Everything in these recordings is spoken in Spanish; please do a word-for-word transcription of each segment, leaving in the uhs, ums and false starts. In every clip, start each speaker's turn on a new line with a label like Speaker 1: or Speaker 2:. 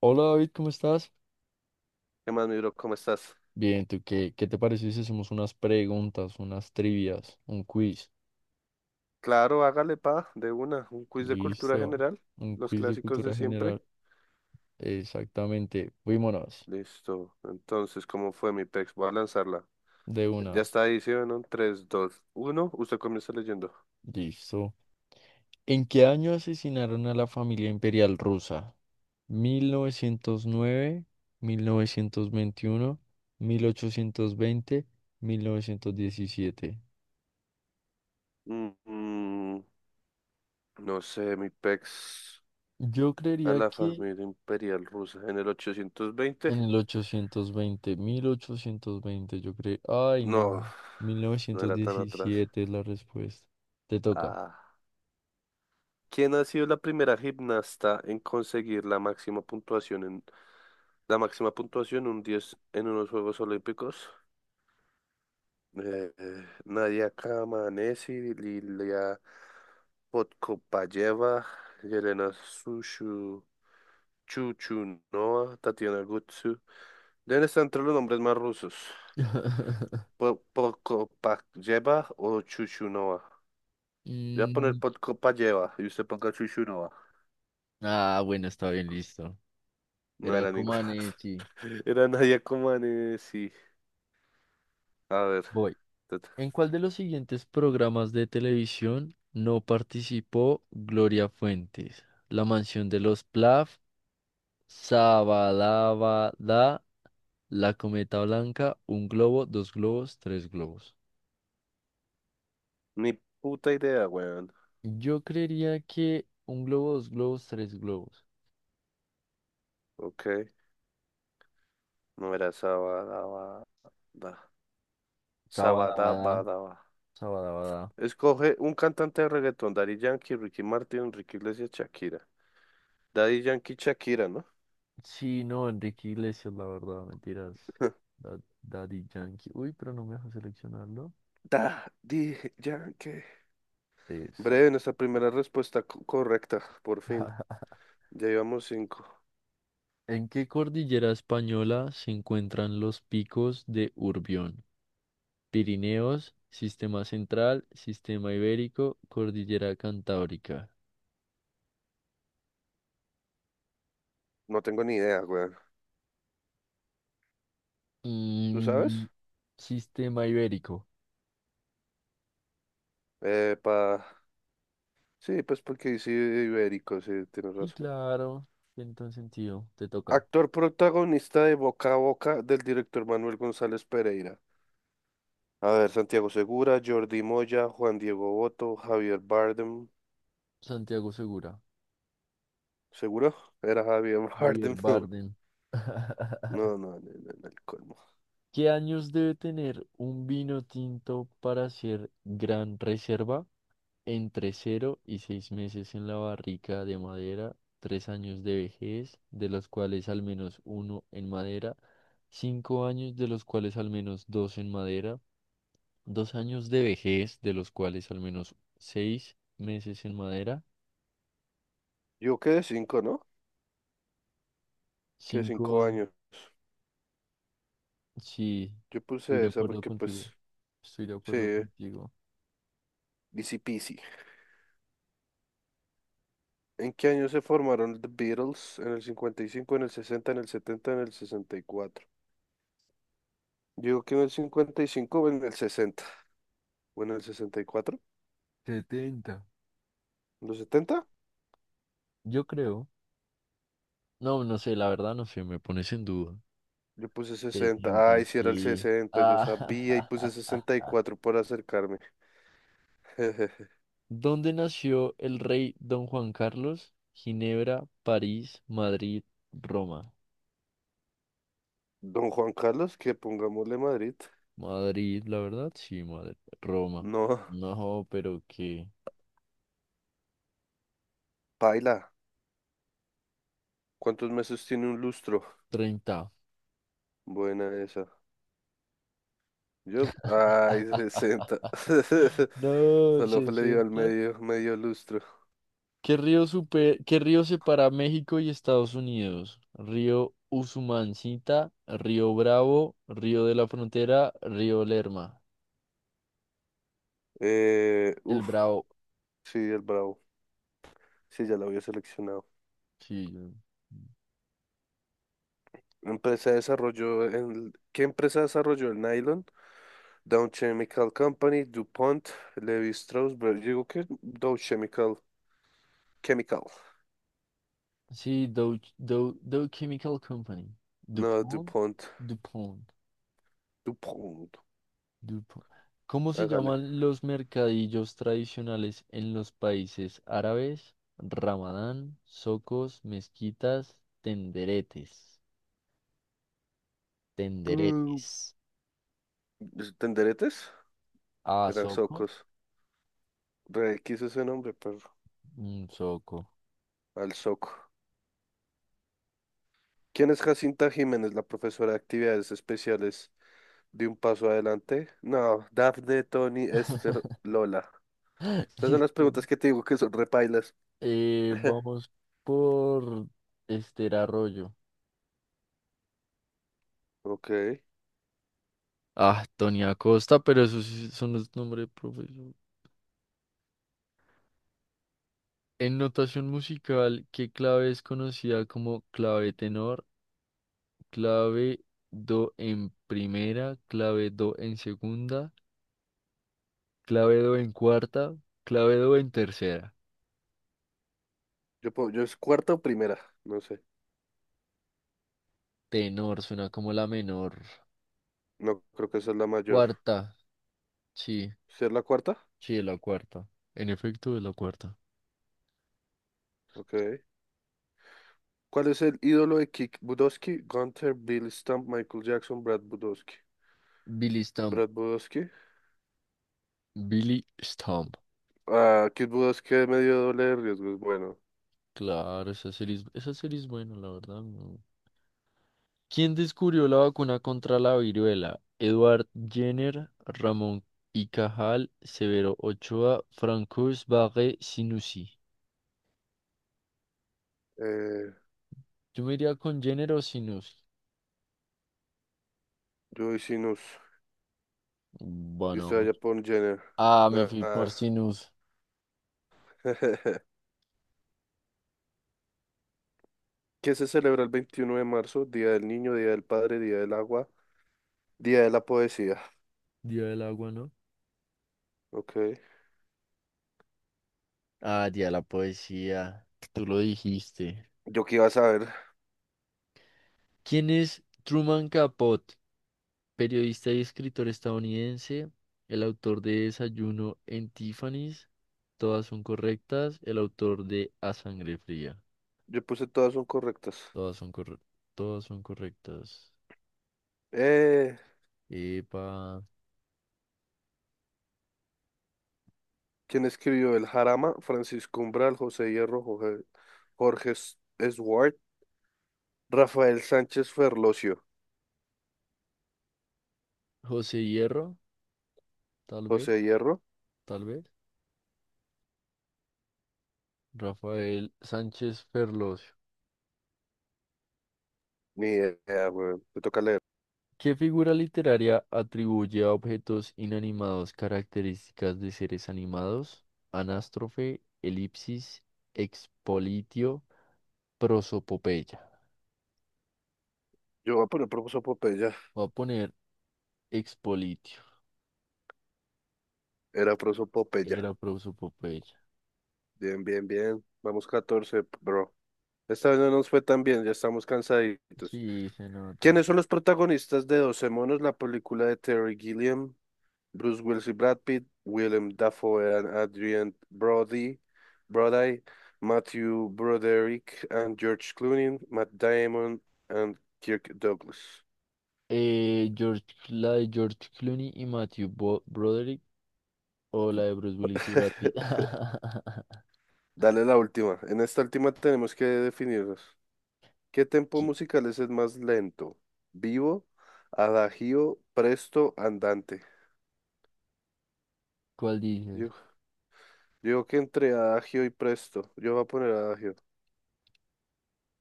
Speaker 1: Hola David, ¿cómo estás?
Speaker 2: ¿Qué más, mi bro? ¿Cómo estás?
Speaker 1: Bien, ¿tú qué, qué te parece si hacemos unas preguntas, unas trivias, un quiz?
Speaker 2: Claro, hágale pa, de una, un quiz de cultura
Speaker 1: Listo,
Speaker 2: general,
Speaker 1: un
Speaker 2: los
Speaker 1: quiz de
Speaker 2: clásicos de
Speaker 1: cultura
Speaker 2: siempre.
Speaker 1: general. Exactamente, fuímonos
Speaker 2: Listo. Entonces, ¿cómo fue mi pex? Voy a lanzarla.
Speaker 1: de
Speaker 2: Ya
Speaker 1: una.
Speaker 2: está ahí, ¿sí o no? tres, dos, uno. Usted comienza leyendo.
Speaker 1: Listo. ¿En qué año asesinaron a la familia imperial rusa? Mil mil mil novecientos novecientos nueve, veintiuno, mil ochocientos veinte, mil novecientos diecisiete.
Speaker 2: Mm, mm, no sé, mi pex.
Speaker 1: Yo
Speaker 2: A
Speaker 1: creería
Speaker 2: la
Speaker 1: que
Speaker 2: familia imperial rusa en el ochocientos veinte.
Speaker 1: en el ochocientos veinte, mil ochocientos veinte, yo creo. Ay, no.
Speaker 2: No,
Speaker 1: mil
Speaker 2: no
Speaker 1: novecientos
Speaker 2: era tan atrás.
Speaker 1: diecisiete es la respuesta. Te toca.
Speaker 2: Ah. ¿Quién ha sido la primera gimnasta en conseguir la máxima puntuación, en La máxima puntuación, un diez en unos Juegos Olímpicos? Eh, eh, Nadia Comaneci, Lilia Podkopayeva, Yelena Sushu, Chuchunova, Tatiana Gutsu. Deben estar entre los nombres más rusos. Po- Podkopayeva o Chuchunova. Voy a poner
Speaker 1: Mm,
Speaker 2: Podkopayeva y usted ponga Chuchunova.
Speaker 1: ah, bueno, está bien, listo.
Speaker 2: No
Speaker 1: Era
Speaker 2: era ninguna.
Speaker 1: Comaneci.
Speaker 2: Era Nadia Comaneci. A ver.
Speaker 1: Voy.
Speaker 2: tut-
Speaker 1: ¿En cuál de los siguientes programas de televisión no participó Gloria Fuentes? La mansión de los Plath, Sabadabada, La Cometa Blanca, Un Globo, Dos Globos, Tres Globos.
Speaker 2: Ni puta idea, weón.
Speaker 1: Yo creería que un globo, dos globos, tres globos.
Speaker 2: Ok. No era Sabadabadaba.
Speaker 1: Sabadabada,
Speaker 2: Sabadabadaba.
Speaker 1: sabadabada.
Speaker 2: Escoge un cantante de reggaetón. Daddy Yankee, Ricky Martin, Enrique Iglesias, Shakira. Daddy Yankee, Shakira, ¿no?
Speaker 1: Sí, no, Enrique Iglesias, la verdad, mentiras. Da- Daddy Yankee. Uy, pero no me deja seleccionarlo.
Speaker 2: Daddy Yankee.
Speaker 1: Exacto.
Speaker 2: Breve, nuestra primera respuesta co- correcta. Por fin. Ya llevamos cinco.
Speaker 1: ¿En qué cordillera española se encuentran los picos de Urbión? Pirineos, Sistema Central, Sistema Ibérico, Cordillera Cantábrica.
Speaker 2: No tengo ni idea, weón. ¿Tú
Speaker 1: Mm,
Speaker 2: sabes?
Speaker 1: Sistema Ibérico.
Speaker 2: Eh, pa... Sí, pues porque dice ibérico, sí, tienes
Speaker 1: Sí,
Speaker 2: razón.
Speaker 1: claro, tiene todo el sentido. Te toca.
Speaker 2: Actor protagonista de Boca a Boca del director Manuel González Pereira. A ver, Santiago Segura, Jordi Moya, Juan Diego Boto, Javier Bardem.
Speaker 1: Santiago Segura,
Speaker 2: ¿Seguro? Era Javier
Speaker 1: Javier
Speaker 2: Bardem. No,
Speaker 1: Bardem.
Speaker 2: no, no, no, no, no, el colmo.
Speaker 1: ¿Qué años debe tener un vino tinto para ser gran reserva? Entre cero y seis meses en la barrica de madera, tres años de vejez, de los cuales al menos uno en madera, cinco años de los cuales al menos dos en madera, dos años de vejez, de los cuales al menos seis meses en madera,
Speaker 2: Yo quedé cinco, ¿no? Quedé
Speaker 1: cinco
Speaker 2: cinco
Speaker 1: años.
Speaker 2: años.
Speaker 1: Sí,
Speaker 2: Yo
Speaker 1: estoy
Speaker 2: puse
Speaker 1: de
Speaker 2: esa
Speaker 1: acuerdo
Speaker 2: porque,
Speaker 1: contigo.
Speaker 2: pues,
Speaker 1: Estoy de
Speaker 2: sí,
Speaker 1: acuerdo contigo.
Speaker 2: easy peasy. ¿En qué año se formaron The Beatles? En el cincuenta y cinco, en el sesenta, en el setenta, en el sesenta y cuatro. Digo que en el cincuenta y cinco o en el sesenta, ¿o en el sesenta y cuatro?
Speaker 1: Setenta.
Speaker 2: ¿En los setenta?
Speaker 1: Yo creo. No, no sé, la verdad no sé, me pones en duda.
Speaker 2: Yo puse sesenta.
Speaker 1: Setenta.
Speaker 2: Ay, si era el
Speaker 1: Sí.
Speaker 2: sesenta. Yo sabía y puse
Speaker 1: Ah,
Speaker 2: sesenta y cuatro por acercarme.
Speaker 1: ¿Dónde nació el rey Don Juan Carlos? Ginebra, París, Madrid, Roma.
Speaker 2: Don Juan Carlos, que pongámosle Madrid.
Speaker 1: Madrid, la verdad, sí, Madrid. Roma.
Speaker 2: No,
Speaker 1: No, pero qué.
Speaker 2: paila. ¿Cuántos meses tiene un lustro?
Speaker 1: Treinta.
Speaker 2: Buena esa. Yo, ay, sesenta.
Speaker 1: No,
Speaker 2: Solo le dio al
Speaker 1: sesenta.
Speaker 2: medio, medio lustro.
Speaker 1: ¿Qué río, supe- qué río separa a México y Estados Unidos? Río Usumancita, Río Bravo, Río de la Frontera, Río Lerma.
Speaker 2: Eh,
Speaker 1: El
Speaker 2: uf,
Speaker 1: Bravo.
Speaker 2: sí, el Bravo. Sí, ya lo había seleccionado.
Speaker 1: Sí, yo-
Speaker 2: Empresa desarrolló el, ¿qué empresa desarrolló el nylon? Dow Chemical Company, DuPont, Levi Strauss, pero yo digo que Dow Chemical, Chemical.
Speaker 1: sí, Dow, Dow- Dow Chemical Company.
Speaker 2: No,
Speaker 1: DuPont,
Speaker 2: DuPont,
Speaker 1: DuPont,
Speaker 2: DuPont.
Speaker 1: DuPont. ¿Cómo se
Speaker 2: Hágale.
Speaker 1: llaman los mercadillos tradicionales en los países árabes? Ramadán, socos, mezquitas, tenderetes.
Speaker 2: Mm,
Speaker 1: Tenderetes.
Speaker 2: pues, ¿tenderetes?
Speaker 1: Ah,
Speaker 2: Era Socos. Re X ese nombre, pero
Speaker 1: un soco.
Speaker 2: Al Soco. ¿Quién es Jacinta Jiménez, la profesora de actividades especiales de Un Paso Adelante? No, Dafne, Tony, Esther, Lola. Estas son las
Speaker 1: Diciendo,
Speaker 2: preguntas que te digo que son repailas.
Speaker 1: eh, vamos por Esther Arroyo.
Speaker 2: Ok.
Speaker 1: Ah, Tony Acosta, pero esos sí son los nombres de profesor. En notación musical, ¿qué clave es conocida como clave tenor, clave do en primera, clave do en segunda, clave do en cuarta, clave do en tercera?
Speaker 2: Yo, puedo- yo es cuarta o primera, no sé.
Speaker 1: Tenor suena como la menor.
Speaker 2: No creo que esa es la mayor.
Speaker 1: Cuarta, sí,
Speaker 2: ¿Sí es la cuarta?
Speaker 1: sí, es la cuarta. En efecto, es la cuarta.
Speaker 2: Ok. ¿Cuál es el ídolo de Kick Budowski? Gunther, Bill Stump, Michael Jackson, Brad Budowski.
Speaker 1: Billy
Speaker 2: Brad Budowski.
Speaker 1: Billy Stump.
Speaker 2: Ah, Kid Budoski de medio doble de riesgos. Bueno,
Speaker 1: Claro, esa serie es, esa serie es buena, la verdad. No. ¿Quién descubrió la vacuna contra la viruela? Edward Jenner, Ramón y Cajal, Severo Ochoa, Francois Barré, Sinussi.
Speaker 2: eh,
Speaker 1: Yo me iría con Jenner o Sinussi.
Speaker 2: Joey Sinus. Y
Speaker 1: Bueno,
Speaker 2: usted
Speaker 1: vamos.
Speaker 2: allá por Jenner.
Speaker 1: Ah, me
Speaker 2: Ah,
Speaker 1: fui
Speaker 2: ah.
Speaker 1: por Sinus.
Speaker 2: ¿Qué se celebra el veintiuno de marzo? Día del niño, día del padre, día del agua, día de la poesía.
Speaker 1: Día del agua, ¿no?
Speaker 2: Ok.
Speaker 1: Ah, día de la poesía. Tú lo dijiste.
Speaker 2: Yo qué iba a saber.
Speaker 1: ¿Quién es Truman Capote? Periodista y escritor estadounidense, el autor de Desayuno en Tiffany's, todas son correctas. El autor de A Sangre Fría,
Speaker 2: Yo puse todas son correctas.
Speaker 1: todas son corre- todas son correctas.
Speaker 2: Eh,
Speaker 1: Epa,
Speaker 2: ¿quién escribió el Jarama? Francisco Umbral, José Hierro, Jorge, Jorge S- Swart, Rafael Sánchez Ferlosio.
Speaker 1: José Hierro, tal vez,
Speaker 2: José Hierro.
Speaker 1: tal vez. Rafael Sánchez Ferlosio.
Speaker 2: Ni idea, güey. Me toca leer.
Speaker 1: ¿Qué figura literaria atribuye a objetos inanimados características de seres animados? Anástrofe, elipsis, expolitio, prosopopeya.
Speaker 2: Yo voy a poner profesor Popeye.
Speaker 1: Voy a poner expolitio.
Speaker 2: Era prosopopeya.
Speaker 1: Era prosopopeya.
Speaker 2: Bien, bien, bien. Vamos catorce bro. Esta vez no nos fue tan bien, ya estamos cansaditos.
Speaker 1: Sí, se nota.
Speaker 2: ¿Quiénes son los protagonistas de Doce monos? La película de Terry Gilliam, Bruce Willis y Brad Pitt, Willem Dafoe and Adrian Brody, Brody, Matthew Broderick and George Clooney, Matt Damon and Kirk Douglas.
Speaker 1: Eh, George, la de George Clooney y Matthew Bo- Broderick o la de Bruce Willis y Brad Pitt.
Speaker 2: Dale la última. En esta última tenemos que definirnos. ¿Qué tempo
Speaker 1: ¿Qui-
Speaker 2: musical es el más lento? ¿Vivo, adagio, presto, andante?
Speaker 1: ¿Cuál
Speaker 2: Yo,
Speaker 1: dices?
Speaker 2: yo digo que entre adagio y presto. Yo voy a poner adagio.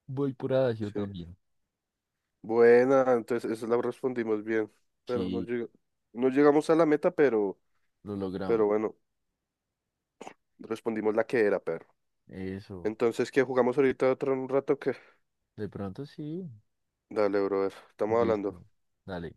Speaker 1: Voy por Adagio
Speaker 2: Sí.
Speaker 1: también.
Speaker 2: Buena, entonces eso la respondimos bien. Pero no,
Speaker 1: Sí,
Speaker 2: llega- no llegamos a la meta, pero,
Speaker 1: lo
Speaker 2: pero
Speaker 1: logramos.
Speaker 2: bueno, respondimos la que era, perro.
Speaker 1: Eso.
Speaker 2: Entonces, ¿qué jugamos ahorita otro un rato? Que
Speaker 1: De pronto sí.
Speaker 2: Dale, brother. Estamos hablando.
Speaker 1: Listo. Dale.